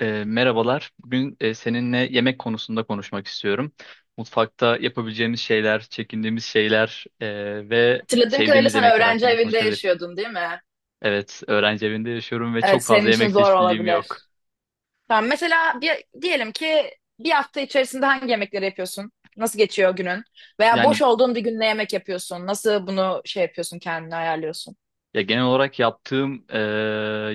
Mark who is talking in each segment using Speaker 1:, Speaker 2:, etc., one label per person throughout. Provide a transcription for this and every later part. Speaker 1: Merhabalar. Bugün seninle yemek konusunda konuşmak istiyorum. Mutfakta yapabileceğimiz şeyler, çekindiğimiz şeyler ve
Speaker 2: Hatırladığım kadarıyla
Speaker 1: sevdiğimiz
Speaker 2: sen
Speaker 1: yemekler
Speaker 2: öğrenci
Speaker 1: hakkında
Speaker 2: evinde
Speaker 1: konuşabilirim.
Speaker 2: yaşıyordun, değil mi?
Speaker 1: Evet, öğrenci evinde yaşıyorum ve
Speaker 2: Evet,
Speaker 1: çok fazla
Speaker 2: senin için
Speaker 1: yemek
Speaker 2: zor
Speaker 1: çeşitliliğim yok.
Speaker 2: olabilir. Tamam, mesela bir, diyelim ki bir hafta içerisinde hangi yemekleri yapıyorsun? Nasıl geçiyor günün? Veya boş
Speaker 1: Yani
Speaker 2: olduğun bir gün ne yemek yapıyorsun? Nasıl bunu şey yapıyorsun, kendini ayarlıyorsun?
Speaker 1: ya genel olarak yaptığım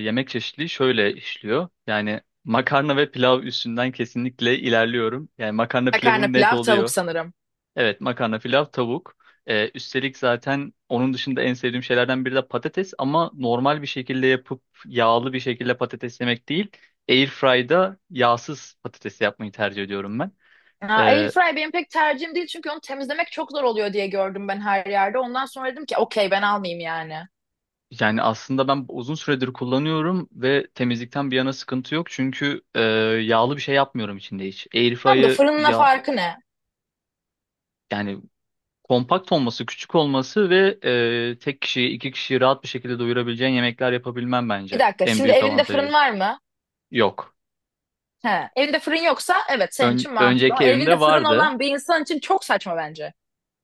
Speaker 1: yemek çeşitliliği şöyle işliyor. Yani makarna ve pilav üstünden kesinlikle ilerliyorum. Yani makarna
Speaker 2: Makarna,
Speaker 1: pilavım net
Speaker 2: pilav, tavuk
Speaker 1: oluyor.
Speaker 2: sanırım.
Speaker 1: Evet, makarna, pilav, tavuk. Üstelik zaten onun dışında en sevdiğim şeylerden biri de patates, ama normal bir şekilde yapıp yağlı bir şekilde patates yemek değil. Airfry'da yağsız patates yapmayı tercih ediyorum ben.
Speaker 2: Aa, Air
Speaker 1: Ee,
Speaker 2: fry benim pek tercihim değil çünkü onu temizlemek çok zor oluyor diye gördüm ben her yerde. Ondan sonra dedim ki okey ben almayayım yani.
Speaker 1: Yani aslında ben uzun süredir kullanıyorum ve temizlikten bir yana sıkıntı yok. Çünkü yağlı bir şey yapmıyorum içinde hiç.
Speaker 2: Tamam da
Speaker 1: Airfry'ı
Speaker 2: fırınla
Speaker 1: ya
Speaker 2: farkı ne?
Speaker 1: yani kompakt olması, küçük olması ve tek kişiyi, 2 kişiyi rahat bir şekilde doyurabileceğin yemekler yapabilmem
Speaker 2: Bir
Speaker 1: bence
Speaker 2: dakika,
Speaker 1: en
Speaker 2: şimdi
Speaker 1: büyük
Speaker 2: evinde fırın
Speaker 1: avantajı.
Speaker 2: var mı?
Speaker 1: Yok.
Speaker 2: He, evinde fırın yoksa evet senin için mantıklı
Speaker 1: Önceki
Speaker 2: ama evinde
Speaker 1: evimde
Speaker 2: fırın
Speaker 1: vardı.
Speaker 2: olan bir insan için çok saçma bence.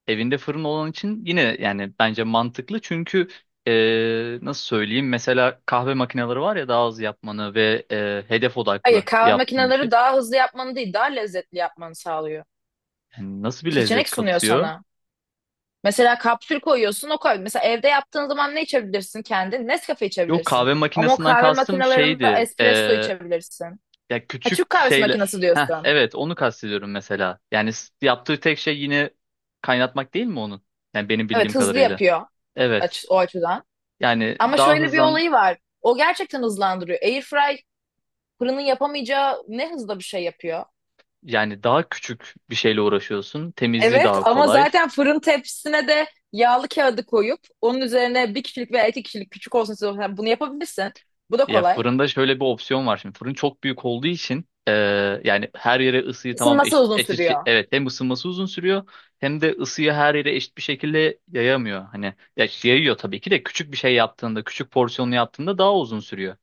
Speaker 1: Evinde fırın olan için yine yani bence mantıklı. Çünkü nasıl söyleyeyim? Mesela kahve makineleri var ya, daha hızlı yapmanı ve hedef
Speaker 2: Hayır,
Speaker 1: odaklı
Speaker 2: kahve
Speaker 1: yaptığın bir şey.
Speaker 2: makineleri daha hızlı yapmanı değil daha lezzetli yapmanı sağlıyor.
Speaker 1: Yani nasıl bir lezzet
Speaker 2: Seçenek sunuyor
Speaker 1: katıyor?
Speaker 2: sana. Mesela kapsül koyuyorsun o koy. Mesela evde yaptığın zaman ne içebilirsin kendin? Nescafe
Speaker 1: Yok,
Speaker 2: içebilirsin.
Speaker 1: kahve
Speaker 2: Ama o
Speaker 1: makinesinden
Speaker 2: kahve
Speaker 1: kastım
Speaker 2: makinelerinde
Speaker 1: şeydi.
Speaker 2: espresso içebilirsin.
Speaker 1: Ya
Speaker 2: Ha, Türk
Speaker 1: küçük
Speaker 2: kahvesi
Speaker 1: şeyle.
Speaker 2: makinesi
Speaker 1: Heh,
Speaker 2: diyorsun.
Speaker 1: evet, onu kastediyorum mesela. Yani yaptığı tek şey yine kaynatmak değil mi onun? Yani benim bildiğim
Speaker 2: Evet hızlı
Speaker 1: kadarıyla.
Speaker 2: yapıyor
Speaker 1: Evet.
Speaker 2: o açıdan.
Speaker 1: Yani
Speaker 2: Ama
Speaker 1: daha
Speaker 2: şöyle bir
Speaker 1: hızlan...
Speaker 2: olayı var. O gerçekten hızlandırıyor. Airfry fırının yapamayacağı ne hızda bir şey yapıyor.
Speaker 1: Yani daha küçük bir şeyle uğraşıyorsun. Temizliği
Speaker 2: Evet
Speaker 1: daha
Speaker 2: ama
Speaker 1: kolay.
Speaker 2: zaten fırın tepsisine de yağlı kağıdı koyup onun üzerine bir kişilik veya iki kişilik küçük olsun size olsun yani bunu yapabilirsin. Bu da
Speaker 1: Ya,
Speaker 2: kolay.
Speaker 1: fırında şöyle bir opsiyon var şimdi. Fırın çok büyük olduğu için yani her yere ısıyı tamam
Speaker 2: Isınması
Speaker 1: eşit,
Speaker 2: uzun sürüyor.
Speaker 1: evet, hem ısınması uzun sürüyor hem de ısıyı her yere eşit bir şekilde yayamıyor. Hani, ya yayıyor tabii ki de, küçük bir şey yaptığında, küçük porsiyonlu yaptığında daha uzun sürüyor.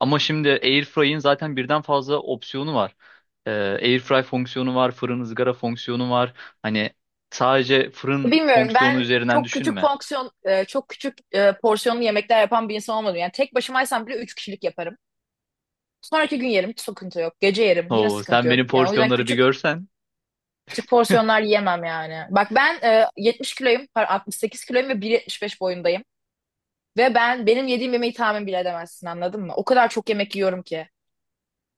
Speaker 1: Ama şimdi Airfry'in zaten birden fazla opsiyonu var. Airfry fonksiyonu var, fırın ızgara fonksiyonu var. Hani sadece fırın
Speaker 2: Bilmiyorum,
Speaker 1: fonksiyonu
Speaker 2: ben
Speaker 1: üzerinden düşünme.
Speaker 2: çok küçük porsiyonlu yemekler yapan bir insan olmadım. Yani tek başımaysam bile üç kişilik yaparım. Sonraki gün yerim, hiç sıkıntı yok. Gece yerim yine
Speaker 1: Oo,
Speaker 2: sıkıntı
Speaker 1: sen
Speaker 2: yok.
Speaker 1: benim
Speaker 2: Yani o yüzden
Speaker 1: porsiyonları bir
Speaker 2: küçük
Speaker 1: görsen.
Speaker 2: küçük porsiyonlar yemem yani. Bak ben 70 kiloyum, pardon, 68 kiloyum ve 1,75 boyundayım. Ve ben benim yediğim yemeği tahmin bile edemezsin, anladın mı? O kadar çok yemek yiyorum ki.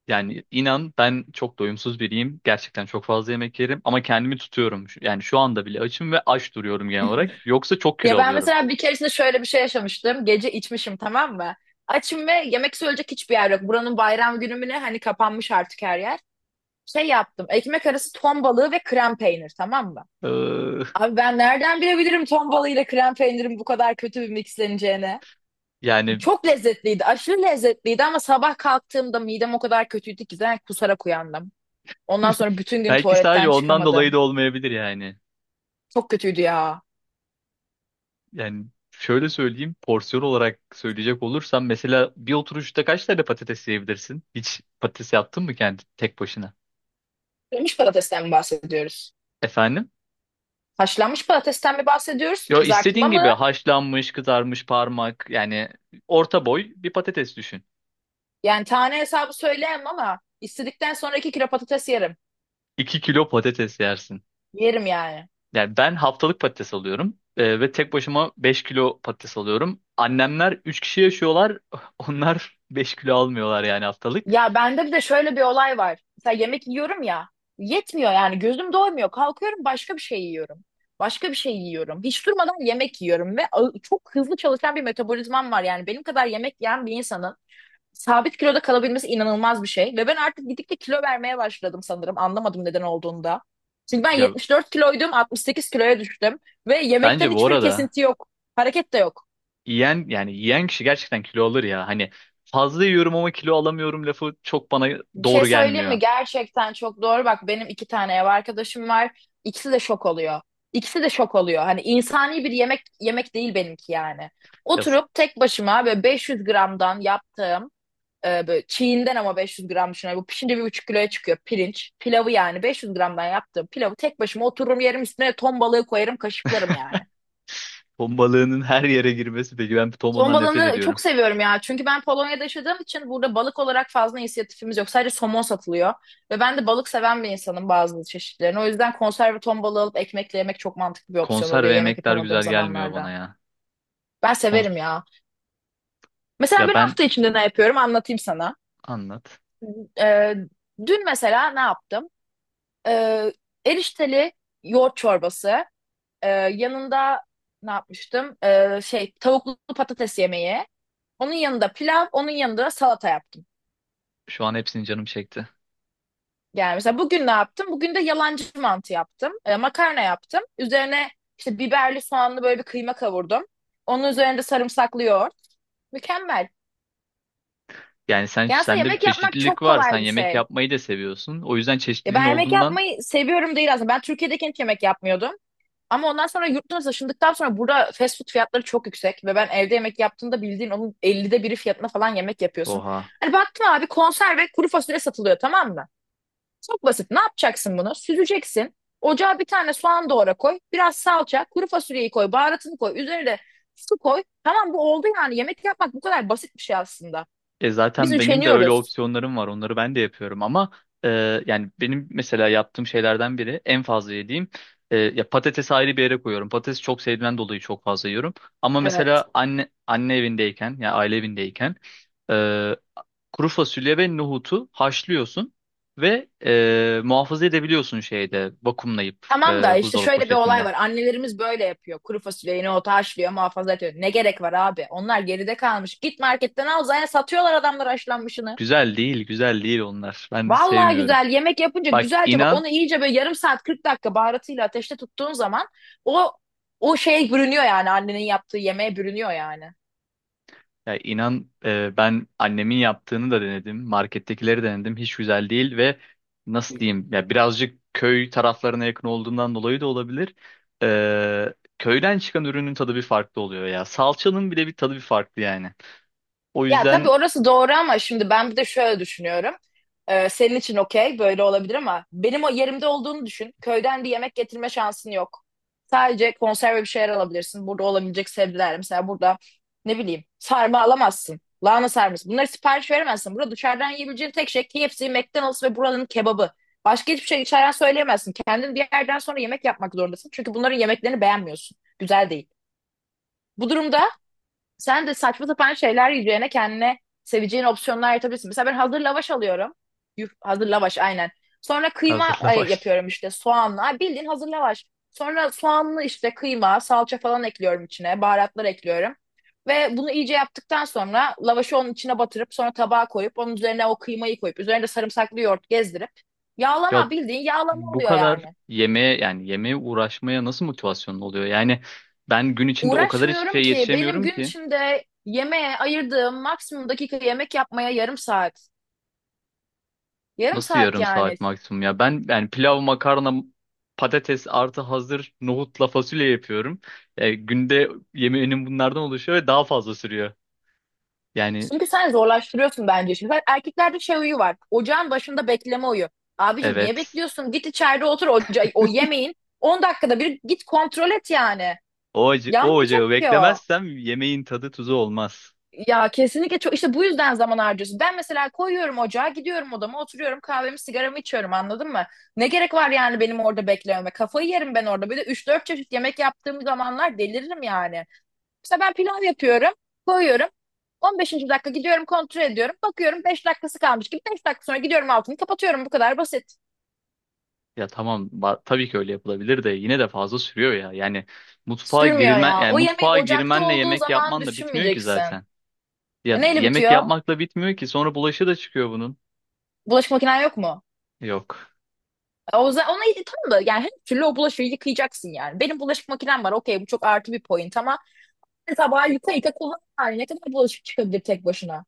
Speaker 1: Yani inan, ben çok doyumsuz biriyim. Gerçekten çok fazla yemek yerim ama kendimi tutuyorum. Yani şu anda bile açım ve aç duruyorum genel olarak. Yoksa çok
Speaker 2: Ya
Speaker 1: kilo
Speaker 2: ben
Speaker 1: alıyorum.
Speaker 2: mesela bir keresinde şöyle bir şey yaşamıştım. Gece içmişim, tamam mı? Açım ve yemek söyleyecek hiçbir yer yok. Buranın bayram günü mü ne? Hani kapanmış artık her yer. Şey yaptım. Ekmek arası ton balığı ve krem peynir, tamam mı?
Speaker 1: Ee,
Speaker 2: Abi, ben nereden bilebilirim ton balığıyla krem peynirin bu kadar kötü bir mixleneceğini?
Speaker 1: Yani
Speaker 2: Çok lezzetliydi, aşırı lezzetliydi ama sabah kalktığımda midem o kadar kötüydü ki zaten kusarak uyandım. Ondan sonra bütün gün
Speaker 1: belki sadece
Speaker 2: tuvaletten
Speaker 1: ondan dolayı
Speaker 2: çıkamadım.
Speaker 1: da olmayabilir yani.
Speaker 2: Çok kötüydü ya.
Speaker 1: Yani şöyle söyleyeyim, porsiyon olarak söyleyecek olursam mesela bir oturuşta kaç tane patates yiyebilirsin? Hiç patates yaptın mı kendi tek başına?
Speaker 2: Kırmış patatesten mi bahsediyoruz?
Speaker 1: Efendim?
Speaker 2: Haşlanmış patatesten mi bahsediyoruz?
Speaker 1: Yo,
Speaker 2: Kızartma
Speaker 1: istediğin gibi,
Speaker 2: mı?
Speaker 1: haşlanmış, kızarmış, parmak, yani orta boy bir patates düşün.
Speaker 2: Yani tane hesabı söyleyemem ama istedikten sonra 2 kilo patates yerim.
Speaker 1: 2 kilo patates yersin.
Speaker 2: Yerim yani.
Speaker 1: Yani ben haftalık patates alıyorum ve tek başıma 5 kilo patates alıyorum. Annemler 3 kişi yaşıyorlar. Onlar 5 kilo almıyorlar yani haftalık.
Speaker 2: Ya bende bir de şöyle bir olay var. Mesela yemek yiyorum ya. Yetmiyor yani, gözüm doymuyor. Kalkıyorum, başka bir şey yiyorum. Başka bir şey yiyorum. Hiç durmadan yemek yiyorum ve çok hızlı çalışan bir metabolizmam var. Yani benim kadar yemek yiyen bir insanın sabit kiloda kalabilmesi inanılmaz bir şey. Ve ben artık gittikçe kilo vermeye başladım sanırım. Anlamadım neden olduğunda. Çünkü ben
Speaker 1: Ya,
Speaker 2: 74 kiloydum, 68 kiloya düştüm ve yemekten
Speaker 1: bence bu
Speaker 2: hiçbir
Speaker 1: arada
Speaker 2: kesinti yok. Hareket de yok.
Speaker 1: yiyen kişi gerçekten kilo alır ya. Hani, "fazla yiyorum ama kilo alamıyorum" lafı çok bana
Speaker 2: Bir şey
Speaker 1: doğru
Speaker 2: söyleyeyim
Speaker 1: gelmiyor.
Speaker 2: mi? Gerçekten çok doğru. Bak benim iki tane ev arkadaşım var. İkisi de şok oluyor. İkisi de şok oluyor. Hani insani bir yemek yemek değil benimki yani.
Speaker 1: Ya,
Speaker 2: Oturup tek başıma böyle 500 gramdan yaptığım böyle çiğinden ama 500 gram düşünüyorum. Bu pişince 1,5 kiloya çıkıyor pirinç. Pilavı yani 500 gramdan yaptığım pilavı tek başıma otururum yerim, üstüne ton balığı koyarım, kaşıklarım yani.
Speaker 1: ton balığının her yere girmesi, peki ben ton
Speaker 2: Somon
Speaker 1: balığından nefret
Speaker 2: balığını
Speaker 1: ediyorum.
Speaker 2: çok seviyorum ya. Çünkü ben Polonya'da yaşadığım için burada balık olarak fazla inisiyatifimiz yok. Sadece somon satılıyor. Ve ben de balık seven bir insanım, bazı çeşitlerini. O yüzden konserve ton balığı alıp ekmekle yemek çok mantıklı bir opsiyon
Speaker 1: Konser
Speaker 2: oluyor
Speaker 1: ve
Speaker 2: yemek
Speaker 1: yemekler
Speaker 2: yapamadığım
Speaker 1: güzel gelmiyor bana
Speaker 2: zamanlarda.
Speaker 1: ya.
Speaker 2: Ben
Speaker 1: Kons-
Speaker 2: severim ya.
Speaker 1: Ya
Speaker 2: Mesela ben
Speaker 1: ben,
Speaker 2: hafta içinde ne yapıyorum anlatayım sana.
Speaker 1: anlat.
Speaker 2: Ee, Dün mesela ne yaptım? Ee, Erişteli yoğurt çorbası. Yanında ne yapmıştım? Şey, tavuklu patates yemeği. Onun yanında pilav, onun yanında salata yaptım.
Speaker 1: Şu an hepsini canım çekti.
Speaker 2: Yani mesela bugün ne yaptım? Bugün de yalancı mantı yaptım. Makarna yaptım. Üzerine işte biberli soğanlı böyle bir kıyma kavurdum. Onun üzerine de sarımsaklı yoğurt. Mükemmel.
Speaker 1: Yani sen,
Speaker 2: Ya aslında
Speaker 1: sende bir
Speaker 2: yemek yapmak çok
Speaker 1: çeşitlilik var. Sen
Speaker 2: kolay bir
Speaker 1: yemek
Speaker 2: şey.
Speaker 1: yapmayı da seviyorsun. O yüzden
Speaker 2: Ya
Speaker 1: çeşitliliğin
Speaker 2: ben yemek
Speaker 1: olduğundan.
Speaker 2: yapmayı seviyorum değil aslında. Ben Türkiye'deyken hiç yemek yapmıyordum. Ama ondan sonra yurt dışına taşındıktan sonra burada fast food fiyatları çok yüksek. Ve ben evde yemek yaptığımda bildiğin onun 50'de biri fiyatına falan yemek yapıyorsun.
Speaker 1: Oha.
Speaker 2: Hani baktım abi, konserve kuru fasulye satılıyor, tamam mı? Çok basit. Ne yapacaksın bunu? Süzeceksin. Ocağa bir tane soğan doğra, koy. Biraz salça, kuru fasulyeyi koy, baharatını koy. Üzerine de su koy. Tamam, bu oldu yani. Yemek yapmak bu kadar basit bir şey aslında. Biz
Speaker 1: Zaten benim de öyle
Speaker 2: üşeniyoruz.
Speaker 1: opsiyonlarım var. Onları ben de yapıyorum ama e, yani benim mesela yaptığım şeylerden biri, en fazla yediğim, ya patatesi ayrı bir yere koyuyorum. Patatesi çok sevdiğimden dolayı çok fazla yiyorum. Ama
Speaker 2: Evet.
Speaker 1: mesela anne evindeyken, ya yani aile evindeyken, e, kuru fasulye ve nohutu haşlıyorsun ve muhafaza edebiliyorsun şeyde, vakumlayıp
Speaker 2: Tamam da işte
Speaker 1: buzdolabı
Speaker 2: şöyle bir olay
Speaker 1: poşetinde.
Speaker 2: var. Annelerimiz böyle yapıyor. Kuru fasulyeyi ota haşlıyor, muhafaza ediyor. Ne gerek var abi? Onlar geride kalmış. Git marketten al, zaten satıyorlar adamlar haşlanmışını.
Speaker 1: Güzel değil, güzel değil onlar. Ben
Speaker 2: Vallahi
Speaker 1: sevmiyorum.
Speaker 2: güzel yemek yapınca,
Speaker 1: Bak,
Speaker 2: güzelce bak,
Speaker 1: inan.
Speaker 2: onu iyice böyle yarım saat 40 dakika baharatıyla ateşte tuttuğun zaman o o şeye bürünüyor yani, annenin yaptığı yemeğe bürünüyor yani.
Speaker 1: Ya inan, ben annemin yaptığını da denedim. Markettekileri denedim. Hiç güzel değil ve nasıl diyeyim, ya birazcık köy taraflarına yakın olduğundan dolayı da olabilir. Köyden çıkan ürünün tadı bir farklı oluyor ya. Salçanın bile bir tadı bir farklı yani. O
Speaker 2: Ya tabii
Speaker 1: yüzden
Speaker 2: orası doğru ama şimdi ben bir de şöyle düşünüyorum. Senin için okey böyle olabilir ama benim o yerimde olduğunu düşün. Köyden bir yemek getirme şansın yok. Sadece konserve bir şeyler alabilirsin. Burada olabilecek sebzeler. Mesela burada ne bileyim sarma alamazsın. Lahana sarması. Bunları sipariş veremezsin. Burada dışarıdan yiyebileceğin tek şey KFC, McDonald's ve buranın kebabı. Başka hiçbir şey içeriden söyleyemezsin. Kendin bir yerden sonra yemek yapmak zorundasın. Çünkü bunların yemeklerini beğenmiyorsun. Güzel değil. Bu durumda sen de saçma sapan şeyler yiyeceğine kendine seveceğin opsiyonlar yaratabilirsin. Mesela ben hazır lavaş alıyorum. Yuh, hazır lavaş aynen. Sonra kıyma
Speaker 1: hazırla baş.
Speaker 2: yapıyorum işte soğanla. Bildiğin hazır lavaş. Sonra soğanlı işte kıyma, salça falan ekliyorum içine. Baharatlar ekliyorum. Ve bunu iyice yaptıktan sonra lavaşı onun içine batırıp sonra tabağa koyup onun üzerine o kıymayı koyup üzerine de sarımsaklı yoğurt gezdirip
Speaker 1: Ya
Speaker 2: yağlama, bildiğin yağlama
Speaker 1: bu
Speaker 2: oluyor
Speaker 1: kadar
Speaker 2: yani.
Speaker 1: yemeğe uğraşmaya nasıl motivasyonun oluyor? Yani ben gün içinde o kadar hiçbir
Speaker 2: Uğraşmıyorum
Speaker 1: şey
Speaker 2: ki, benim
Speaker 1: yetişemiyorum
Speaker 2: gün
Speaker 1: ki.
Speaker 2: içinde yemeğe ayırdığım maksimum dakika yemek yapmaya yarım saat. Yarım
Speaker 1: Nasıl
Speaker 2: saat
Speaker 1: yarım
Speaker 2: yani.
Speaker 1: saat maksimum ya? Ben yani pilav, makarna, patates, artı hazır nohutla fasulye yapıyorum. Günde yemeğinin bunlardan oluşuyor ve daha fazla sürüyor. Yani
Speaker 2: Çünkü sen zorlaştırıyorsun bence. Şimdi bak, erkeklerde şey huyu var: ocağın başında bekleme huyu. Abicim, niye
Speaker 1: evet.
Speaker 2: bekliyorsun? Git içeride otur, oca o yemeğin. 10 dakikada bir git kontrol et yani.
Speaker 1: O
Speaker 2: Yanmayacak
Speaker 1: ocağı
Speaker 2: ki o.
Speaker 1: beklemezsem yemeğin tadı tuzu olmaz.
Speaker 2: Ya kesinlikle çok işte bu yüzden zaman harcıyorsun. Ben mesela koyuyorum ocağa, gidiyorum odama, oturuyorum, kahvemi, sigaramı içiyorum, anladın mı? Ne gerek var yani benim orada beklememe? Kafayı yerim ben orada. Bir de 3-4 çeşit yemek yaptığım zamanlar deliririm yani. Mesela ben pilav yapıyorum, koyuyorum. 15. dakika gidiyorum kontrol ediyorum. Bakıyorum 5 dakikası kalmış gibi. 5 dakika sonra gidiyorum altını kapatıyorum. Bu kadar basit.
Speaker 1: Ya tamam, tabii ki öyle yapılabilir de yine de fazla sürüyor ya. Yani mutfağa
Speaker 2: Sürmüyor
Speaker 1: girilmen
Speaker 2: ya.
Speaker 1: yani
Speaker 2: O yemeğin
Speaker 1: mutfağa
Speaker 2: ocakta
Speaker 1: girmenle
Speaker 2: olduğu
Speaker 1: yemek
Speaker 2: zaman
Speaker 1: yapman da bitmiyor ki
Speaker 2: düşünmeyeceksin.
Speaker 1: zaten.
Speaker 2: E
Speaker 1: Ya,
Speaker 2: neyle
Speaker 1: yemek
Speaker 2: bitiyor?
Speaker 1: yapmakla bitmiyor ki, sonra bulaşı da çıkıyor bunun.
Speaker 2: Bulaşık makinen yok mu?
Speaker 1: Yok.
Speaker 2: E o zaman ona tamam da, yani her türlü o bulaşığı yıkayacaksın yani. Benim bulaşık makinem var. Okey, bu çok artı bir point ama tabağı yıka yıka kullan. Yani ne kadar bulaşık çıkabilir tek başına?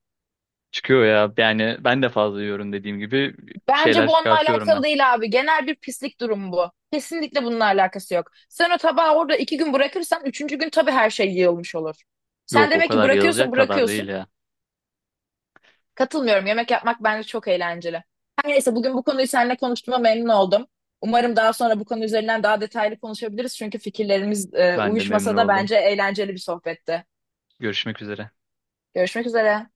Speaker 1: Çıkıyor ya. Yani ben de fazla yiyorum, dediğim gibi bir
Speaker 2: Bence
Speaker 1: şeyler
Speaker 2: bu onunla
Speaker 1: çıkartıyorum
Speaker 2: alakalı
Speaker 1: ben.
Speaker 2: değil abi. Genel bir pislik durumu bu. Kesinlikle bununla alakası yok. Sen o tabağı orada 2 gün bırakırsan üçüncü gün tabii her şey yığılmış olur. Sen
Speaker 1: Yok, o
Speaker 2: demek ki
Speaker 1: kadar yazılacak
Speaker 2: bırakıyorsun
Speaker 1: kadar değil
Speaker 2: bırakıyorsun.
Speaker 1: ya.
Speaker 2: Katılmıyorum. Yemek yapmak bence çok eğlenceli. Her neyse, bugün bu konuyu seninle konuştuğuma memnun oldum. Umarım daha sonra bu konu üzerinden daha detaylı konuşabiliriz. Çünkü fikirlerimiz
Speaker 1: Ben de memnun
Speaker 2: uyuşmasa da
Speaker 1: oldum.
Speaker 2: bence eğlenceli bir sohbetti.
Speaker 1: Görüşmek üzere.
Speaker 2: Görüşmek üzere.